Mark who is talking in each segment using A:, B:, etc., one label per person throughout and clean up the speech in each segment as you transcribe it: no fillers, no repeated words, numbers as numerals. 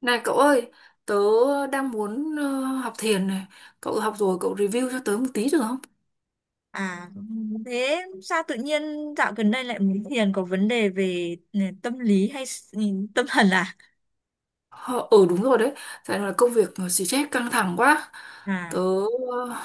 A: Này cậu ơi, tớ đang muốn học thiền này. Cậu học rồi, cậu review cho tớ một tí được không?
B: À, thế sao tự nhiên dạo gần đây lại muốn thiền, có vấn đề về tâm lý hay tâm thần à?
A: Ờ, ừ, đúng rồi đấy. Tại là công việc nó xì chết căng thẳng quá. Tớ,
B: À,
A: ờ,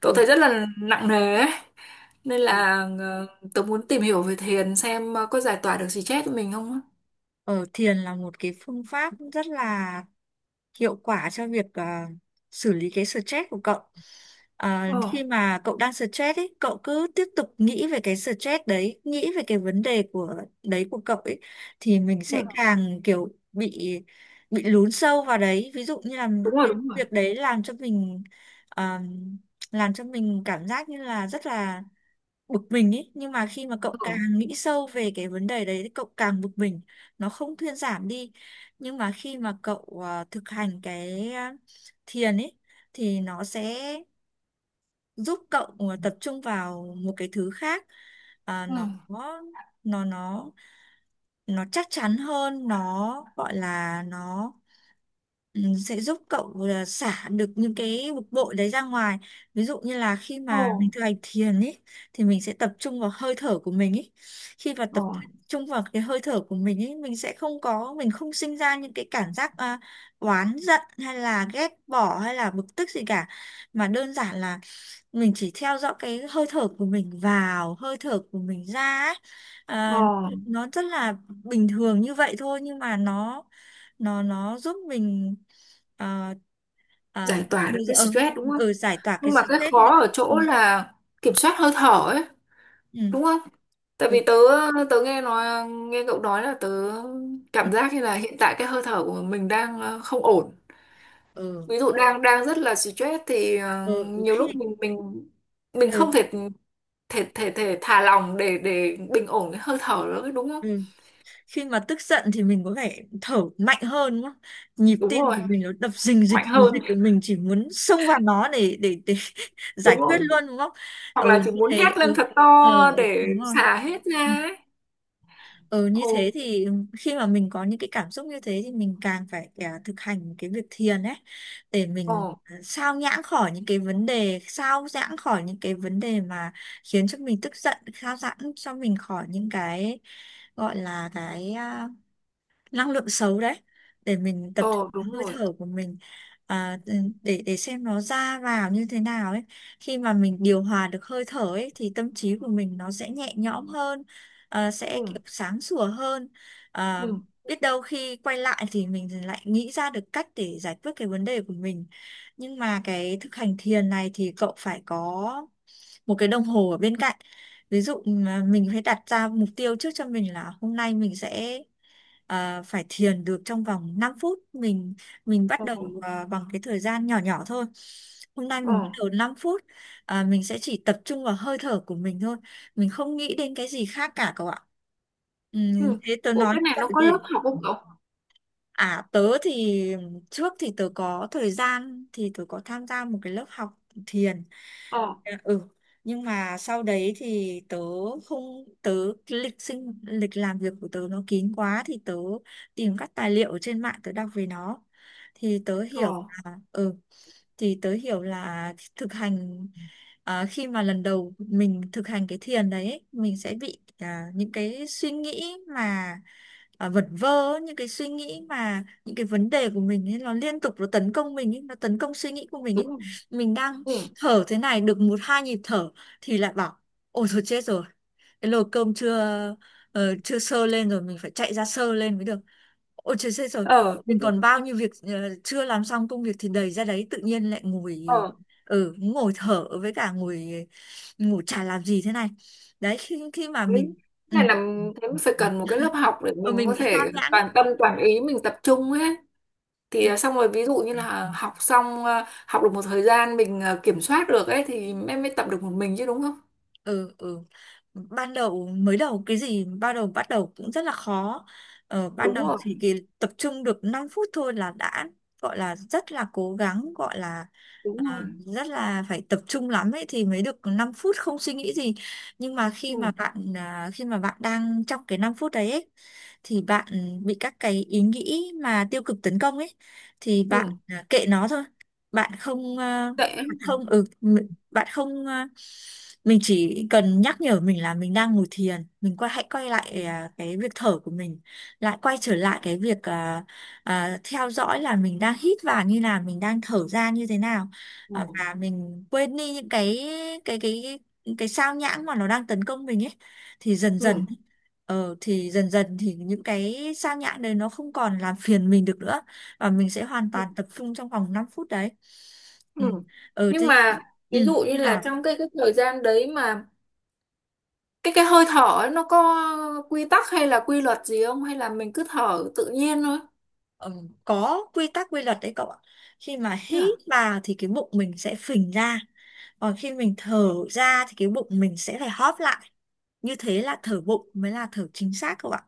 A: tớ
B: ừ.
A: thấy rất là nặng nề ấy. Nên
B: Ừ.
A: là tớ muốn tìm hiểu về thiền xem có giải tỏa được xì chết cho mình không á.
B: Ờ, thiền là một cái phương pháp rất là hiệu quả cho việc xử lý cái stress của cậu. À,
A: Ờ,
B: khi mà cậu đang stress ấy, cậu cứ tiếp tục nghĩ về cái stress đấy, nghĩ về cái vấn đề của đấy của cậu ấy, thì mình sẽ
A: ừ,
B: càng kiểu bị lún sâu vào đấy. Ví dụ như là
A: đúng rồi,
B: cái
A: đúng rồi.
B: việc đấy à, làm cho mình cảm giác như là rất là bực mình ấy, nhưng mà khi mà cậu càng
A: Ừ,
B: nghĩ sâu về cái vấn đề đấy thì cậu càng bực mình, nó không thuyên giảm đi. Nhưng mà khi mà thực hành thiền ấy thì nó sẽ giúp tập trung vào một cái thứ
A: ừ,
B: nó nó nó nó chắc chắn hơn, nó gọi là ừ, sẽ giúp cậu là xả được những cái bực bội đấy ra ngoài. Ví dụ như là khi
A: ờ,
B: mà mình thực hành thiền ấy thì mình sẽ tập trung vào hơi thở của mình ấy, khi mà
A: ờ,
B: tập trung vào cái hơi thở của mình ấy, mình sẽ không có mình không sinh ra những cái cảm oán giận hay là ghét bỏ hay là bực tức gì cả, mà đơn giản là mình chỉ theo dõi cái hơi thở của mình vào, hơi thở của mình ra ấy. À,
A: ờ.
B: nó rất là bình thường như vậy thôi, nhưng mà nó giúp mình ờ, ờ,
A: Giải tỏa được
B: bây giờ
A: cái stress đúng không?
B: giải tỏa cái
A: Nhưng mà cái
B: stress mình.
A: khó ở
B: Ừ,
A: chỗ là kiểm soát hơi thở ấy.
B: ừ,
A: Đúng không? Tại
B: ừ,
A: vì tớ tớ nghe cậu nói là tớ
B: ừ,
A: cảm giác như là hiện tại cái hơi thở của mình đang không ổn.
B: ừ,
A: Ví dụ đang đang rất là stress thì
B: ừ, ừ,
A: nhiều
B: khi
A: lúc mình
B: ừ,
A: không thể thể thể thể thả lỏng để bình ổn cái hơi thở nữa đúng không?
B: ừ. Khi mà tức giận thì mình có vẻ thở mạnh hơn đúng không? Nhịp
A: Đúng
B: tim
A: rồi,
B: của mình nó đập rình rịch
A: mạnh
B: rình
A: hơn,
B: rịch, mình chỉ muốn xông vào nó để
A: đúng
B: giải quyết
A: rồi.
B: luôn đúng không.
A: Hoặc
B: Ừ,
A: là chỉ
B: như
A: muốn
B: thế,
A: hét lên
B: ừ,
A: thật
B: ờ,
A: to để
B: đúng rồi.
A: xả hết
B: Ừ.
A: ra ấy.
B: Ừ, như
A: Ồ.
B: thế thì, ừ, khi mà mình có những cái cảm xúc như thế thì mình càng thực hành cái việc thiền ấy, để
A: Ồ.
B: sao nhãng khỏi những cái vấn đề, sao giãng khỏi những cái vấn đề mà khiến cho mình tức giận, sao giãng cho mình khỏi những cái gọi là cái năng lượng xấu đấy, để mình tập trung
A: Ồ.
B: vào
A: Đúng
B: hơi
A: rồi.
B: thở của à, ừ, để xem nó ra vào như thế nào ấy. Khi mà mình điều hòa được hơi thở ấy thì tâm trí của mình nó sẽ nhẹ nhõm sẽ
A: Ừ.
B: kiểu sáng sủa à,
A: Ừ.
B: biết đâu khi quay lại thì mình lại nghĩ ra được cách để giải quyết cái vấn đề của mình. Nhưng mà cái thực hành thiền này thì cậu phải có một cái đồng hồ ở bên cạnh, ví dụ mà mình phải đặt ra mục tiêu trước cho mình là hôm nay mình phải thiền được trong vòng 5 phút. Mình bắt
A: Ồ.
B: bằng cái thời gian nhỏ nhỏ thôi, hôm nay
A: Ồ.
B: mình bắt đầu 5 mình sẽ chỉ tập trung vào hơi thở của mình thôi, mình không nghĩ đến cái gì khác cả cậu ạ. Ừ,
A: Ừ.
B: thế tớ
A: Ủa,
B: nói
A: cái
B: như
A: này
B: vậy
A: nó có lớp
B: thì.
A: học không cậu?
B: À, tớ thì trước thì tớ có thời gian thì tớ có tham gia một cái lớp học thiền.
A: Ờ.
B: À. Ừ, nhưng mà sau đấy thì tớ không tớ cái lịch làm việc của tớ nó kín quá, thì tớ tìm các tài liệu ở trên mạng tớ đọc về nó. Thì tớ hiểu
A: Ờ,
B: là ừ là thực khi mà lần đầu mình thực hành cái thiền đấy, mình sẽ những cái suy nghĩ vật vơ ấy, những cái suy nghĩ mà những cái vấn đề của mình ấy, nó liên tục nó tấn công mình ấy, nó tấn công suy nghĩ của mình
A: đúng
B: ấy.
A: rồi.
B: Mình đang
A: Ừ.
B: thở thế này được một hai nhịp thở thì lại bảo, ôi thôi chết rồi, cái nồi cơm chưa sơ lên rồi, mình phải chạy ra sơ lên mới được. Ôi trời ơi, rồi
A: Ờ, đúng
B: mình
A: rồi.
B: còn bao nhiêu chưa làm xong, công việc thì đầy ra đấy, tự nhiên lại ngồi
A: Ờ,
B: ừ, ngồi thở, với cả ngồi ngồi chả làm gì thế này. Đấy, khi khi mà
A: đấy.
B: ừ,
A: Cái này là thế mới phải cần một cái lớp học để
B: ờ,
A: mình
B: mình
A: có
B: bị sao
A: thể
B: nhãng đấy.
A: toàn tâm toàn ý mình tập trung ấy. Xong rồi, ví dụ như là học xong, học được một thời gian mình kiểm soát được ấy thì em mới tập được một mình chứ đúng không?
B: Ừ, ừ, ban đầu mới đầu cái gì ban đầu bắt đầu cũng rất là khó. Ban
A: Đúng
B: đầu
A: rồi,
B: thì cái tập trung được 5 phút thôi là đã gọi là rất là cố gắng, gọi
A: đúng rồi.
B: rất là phải tập trung lắm ấy thì mới được 5 phút không suy nghĩ gì. Nhưng mà khi mà
A: Ừ,
B: khi mà bạn đang trong cái 5 phút đấy ấy, thì bạn bị các cái ý nghĩ mà tiêu cực tấn công ấy, thì
A: ừ.
B: kệ nó thôi. Bạn không à,
A: Vậy ấy.
B: bạn không ừ bạn không ờ, mình chỉ cần nhắc nhở mình là mình đang ngồi thiền, mình hãy quay
A: Ừ.
B: cái việc thở của mình, lại quay trở lại cái việc theo dõi là mình đang hít vào như nào, mình đang thở ra như thế nào.
A: Ừ.
B: Ờ, và mình quên đi những cái cái cái sao nhãng mà nó đang tấn công mình ấy, thì dần
A: Ừ.
B: dần ờ thì dần dần thì những cái sao nhãng đấy nó không còn làm phiền mình được nữa, và mình sẽ hoàn
A: Ừ.
B: toàn tập trung trong vòng 5 phút đấy.
A: Ừ.
B: Ừ. Ừ
A: Nhưng
B: thế.
A: mà ví
B: Ừ,
A: dụ như
B: như
A: là
B: là,
A: trong cái thời gian đấy mà cái hơi thở ấy, nó có quy tắc hay là quy luật gì không hay là mình cứ thở tự nhiên thôi?
B: có quy tắc quy luật đấy cậu ạ. Khi mà
A: Thế
B: hít
A: à?
B: vào thì cái bụng mình sẽ phình ra, còn khi mình thở ra thì cái bụng mình sẽ phải hóp lại. Như thế là thở bụng mới là thở chính xác cậu ạ.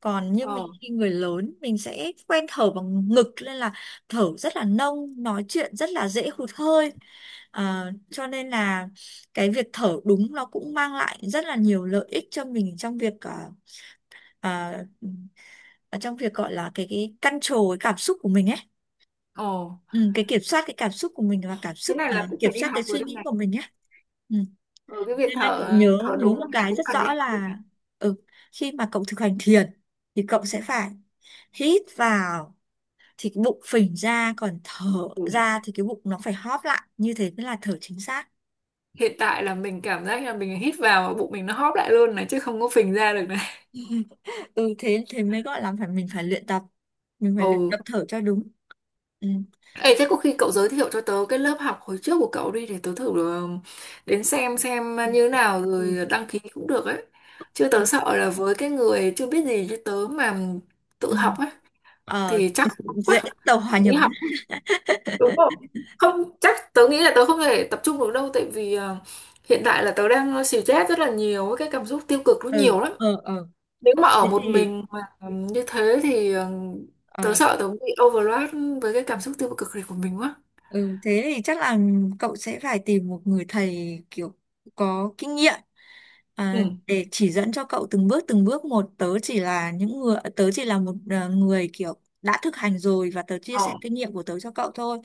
B: Còn như
A: Ờ.
B: mình khi người lớn mình sẽ quen thở bằng ngực, nên là thở rất là nông, nói chuyện rất là dễ hụt hơi. À, cho nên là cái việc thở đúng nó cũng mang lại rất là nhiều lợi ích cho mình trong à, ở trong việc gọi là cái control cái cảm xúc của mình ấy,
A: Ờ.
B: ừ, cái kiểm soát cái cảm xúc của mình, và
A: Thế này là cũng
B: kiểm
A: phải đi
B: soát cái
A: học rồi
B: suy
A: đây
B: nghĩ
A: này.
B: của mình nhé. Ừ.
A: Ừ, cái việc
B: Nên là cậu
A: thở
B: nhớ
A: thở
B: nhớ
A: đúng
B: một
A: là
B: cái
A: cũng
B: rất
A: cần đi
B: rõ
A: học rồi này.
B: là, ừ, khi mà cậu thực hành thiền thì cậu sẽ phải hít vào thì cái bụng phình ra, còn thở
A: Ừ.
B: ra thì cái bụng nó phải hóp lại, như thế mới là thở chính xác.
A: Hiện tại là mình cảm giác là mình hít vào mà bụng mình nó hóp lại luôn này chứ không có phình ra được này.
B: Ừ, thế, thế mới gọi là phải, mình phải luyện tập mình phải
A: Ồ.
B: luyện tập thở cho đúng. Ừ.
A: Ê, thế có khi cậu giới thiệu cho tớ cái lớp học hồi trước của cậu đi để tớ thử ờ, đến xem
B: Ừ.
A: như nào
B: Ừ.
A: rồi đăng ký cũng được ấy. Chứ tớ sợ là với cái người chưa biết gì như tớ mà tự
B: Ừ.
A: học ấy
B: Ờ,
A: thì chắc không
B: dễ
A: quá
B: tàu hòa
A: nghĩ
B: nhập
A: học.
B: á.
A: Đúng rồi, không chắc tớ nghĩ là tớ không thể tập trung được đâu, tại vì hiện tại là tớ đang stress rất là nhiều ấy, cái cảm xúc tiêu cực nó
B: Ừ,
A: nhiều lắm. Nếu mà ở
B: thế
A: một
B: thì,
A: mình mà như thế thì
B: ờ,
A: tớ sợ tớ bị overload với cái cảm xúc tiêu cực này của mình quá.
B: Ừ, thế thì chắc là cậu sẽ phải tìm một người thầy kiểu có kinh à,
A: Ừ.
B: để chỉ dẫn cho cậu từng bước một. Tớ chỉ là người kiểu đã thực hành rồi, và tớ chia sẻ
A: Ờ.
B: kinh nghiệm của tớ cho cậu thôi.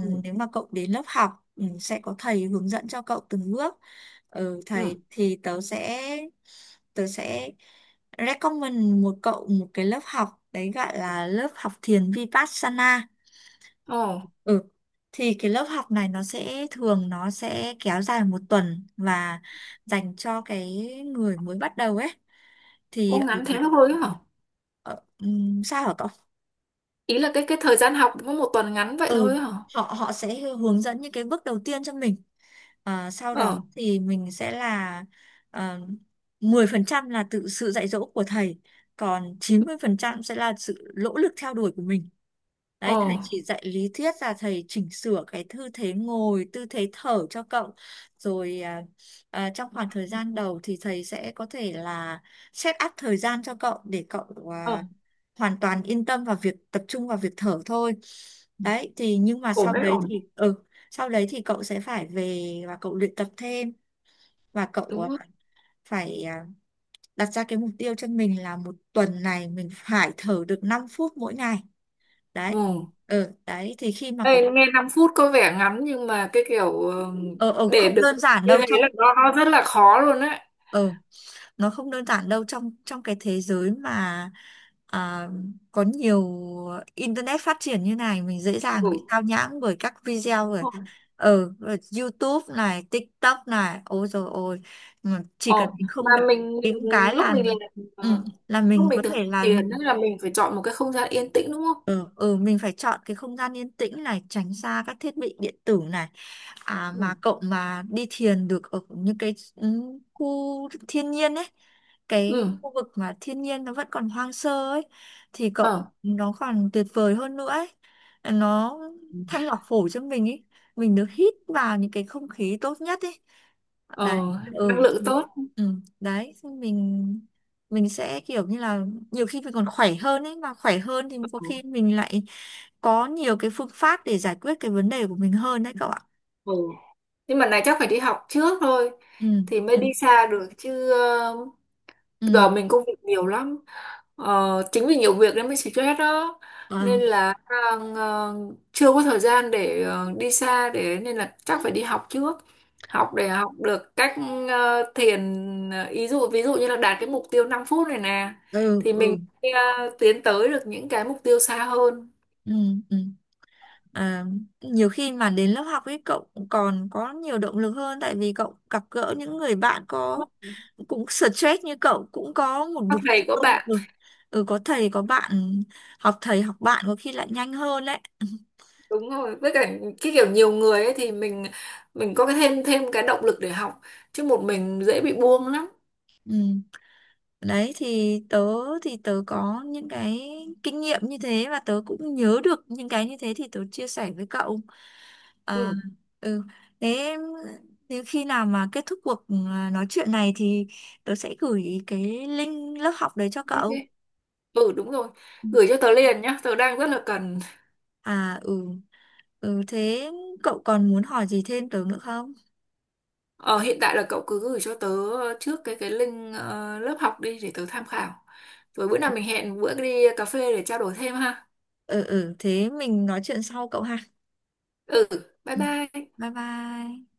A: Ừ.
B: nếu mà cậu đến lớp sẽ có thầy hướng dẫn cho cậu từng bước. Ừ,
A: Ừ.
B: thầy thì tớ sẽ recommend một cái lớp học đấy, gọi là lớp học thiền Vipassana.
A: Ờ.
B: Ừ. Thì cái lớp học này nó sẽ kéo dài một tuần, và dành cho cái người mới bắt đầu ấy, thì
A: Ô, ngắn thế thôi ấy hả?
B: sao hả cậu?
A: Ý là cái thời gian học có một tuần ngắn vậy
B: Ừ,
A: thôi ấy hả?
B: họ họ sẽ hướng dẫn những cái bước đầu tiên cho mình. Ờ, sau đó
A: Ờ.
B: thì mình sẽ ờ, 10% là tự sự dạy dỗ của thầy, còn 90% sẽ là sự nỗ lực theo đuổi của mình. Đấy,
A: Ờ.
B: thầy chỉ dạy lý thuyết, là thầy chỉnh sửa cái tư thế ngồi, tư thế thở cho cậu. Rồi, trong khoảng thời gian đầu thì thầy sẽ có thể là set up thời gian cho cậu để
A: Ờ.
B: hoàn toàn yên tâm vào việc tập trung vào việc thở thôi. Đấy, thì nhưng mà
A: Ổn đấy, ổn đấy.
B: sau đấy thì cậu sẽ phải về và cậu luyện tập thêm, và
A: Đúng không?
B: phải đặt ra cái mục tiêu cho mình là một tuần này mình phải thở được 5 phút mỗi ngày. Đấy.
A: Ừ.
B: Ừ, đấy thì khi mà có
A: Ê, nghe 5 phút có vẻ ngắn nhưng mà cái kiểu
B: ờ ờ
A: để
B: không
A: được
B: đơn giản
A: như
B: đâu
A: thế
B: trong,
A: là nó rất là khó luôn đấy.
B: ờ nó không đơn giản đâu trong trong cái thế giới mà, à, có nhiều internet phát triển như này, mình dễ
A: Ừ.
B: dàng bị
A: Đúng
B: sao nhãng bởi các video rồi
A: rồi.
B: ở YouTube này, TikTok này, ôi rồi ôi, chỉ cần
A: Ồ,
B: mình
A: mà
B: không cần kiếm cái là ừ,
A: ờ,
B: là
A: lúc
B: mình có
A: mình thực hiện
B: thể là mình.
A: tiền ấy là mình phải chọn một cái không gian yên tĩnh đúng không?
B: Ừ, ừ, mình phải chọn cái không gian yên tĩnh này, tránh xa các thiết bị điện tử này. À,
A: Ừ.
B: mà cậu mà đi thiền được ở những khu thiên nhiên ấy, cái
A: Ừ.
B: khu vực mà thiên nhiên nó vẫn còn hoang sơ ấy, thì cậu
A: Ờ.
B: nó còn tuyệt vời hơn nữa ấy. Nó thanh lọc phổi cho mình ấy, mình được hít vào những cái không khí tốt nhất ấy. Đấy,
A: Ờ, năng
B: ừ,
A: lượng tốt.
B: ừ, đấy mình sẽ kiểu như là nhiều khi mình còn khỏe hơn ấy, mà khỏe hơn thì
A: Ừ.
B: có khi mình lại có nhiều cái phương pháp để giải quyết cái vấn đề của mình hơn, đấy cậu ạ.
A: Ừ. Nhưng mà này chắc phải đi học trước thôi
B: Ừ,
A: thì mới đi
B: ừ,
A: xa được chứ. Ờ, Bây giờ
B: ừ.
A: mình công việc nhiều lắm. Chính vì nhiều việc nên mới stress đó.
B: Ờ,
A: Nên là ờ, chưa có thời gian để đi xa để, nên là chắc phải đi học trước, học để học được cách thiền, ý dụ ví dụ như là đạt cái mục tiêu 5 phút này nè
B: ừ,
A: thì mình
B: ừ,
A: ờ, tiến tới được những cái mục tiêu xa hơn.
B: ừ, ừ. À, nhiều khi mà đến lớp học ấy cậu còn có nhiều động lực hơn, tại vì cậu gặp gỡ những người bạn có cũng stress như cậu, cũng có một
A: Có
B: mục
A: thầy có
B: tiêu,
A: bạn.
B: ừ, ừ, có thầy có bạn, học thầy học bạn có khi lại nhanh hơn đấy.
A: Đúng rồi, với cả cái kiểu nhiều người ấy thì mình có cái thêm thêm cái động lực để học, chứ một mình dễ bị buông lắm.
B: Ừ. Đấy thì tớ có những cái kinh nghiệm như thế, và tớ cũng nhớ được những cái như thế, thì tớ chia sẻ với cậu. À,
A: Ừ.
B: ừ. Thế nếu khi nào mà kết thúc nói chuyện này thì tớ sẽ gửi cái link lớp học đấy cho
A: OK.
B: cậu.
A: Ừ, đúng rồi,
B: Ừ.
A: gửi cho tớ liền nhá, tớ đang rất là cần.
B: À, ừ, ừ thế cậu còn muốn hỏi gì thêm tớ nữa không?
A: Ờ, hiện tại là cậu cứ gửi cho tớ trước cái link lớp học đi để tớ tham khảo. Rồi bữa nào mình hẹn bữa đi cà phê để trao đổi thêm ha.
B: Ừ, ừ, thế mình nói chuyện sau cậu ha.
A: Ừ, bye
B: Ừ.
A: bye.
B: Bye bye.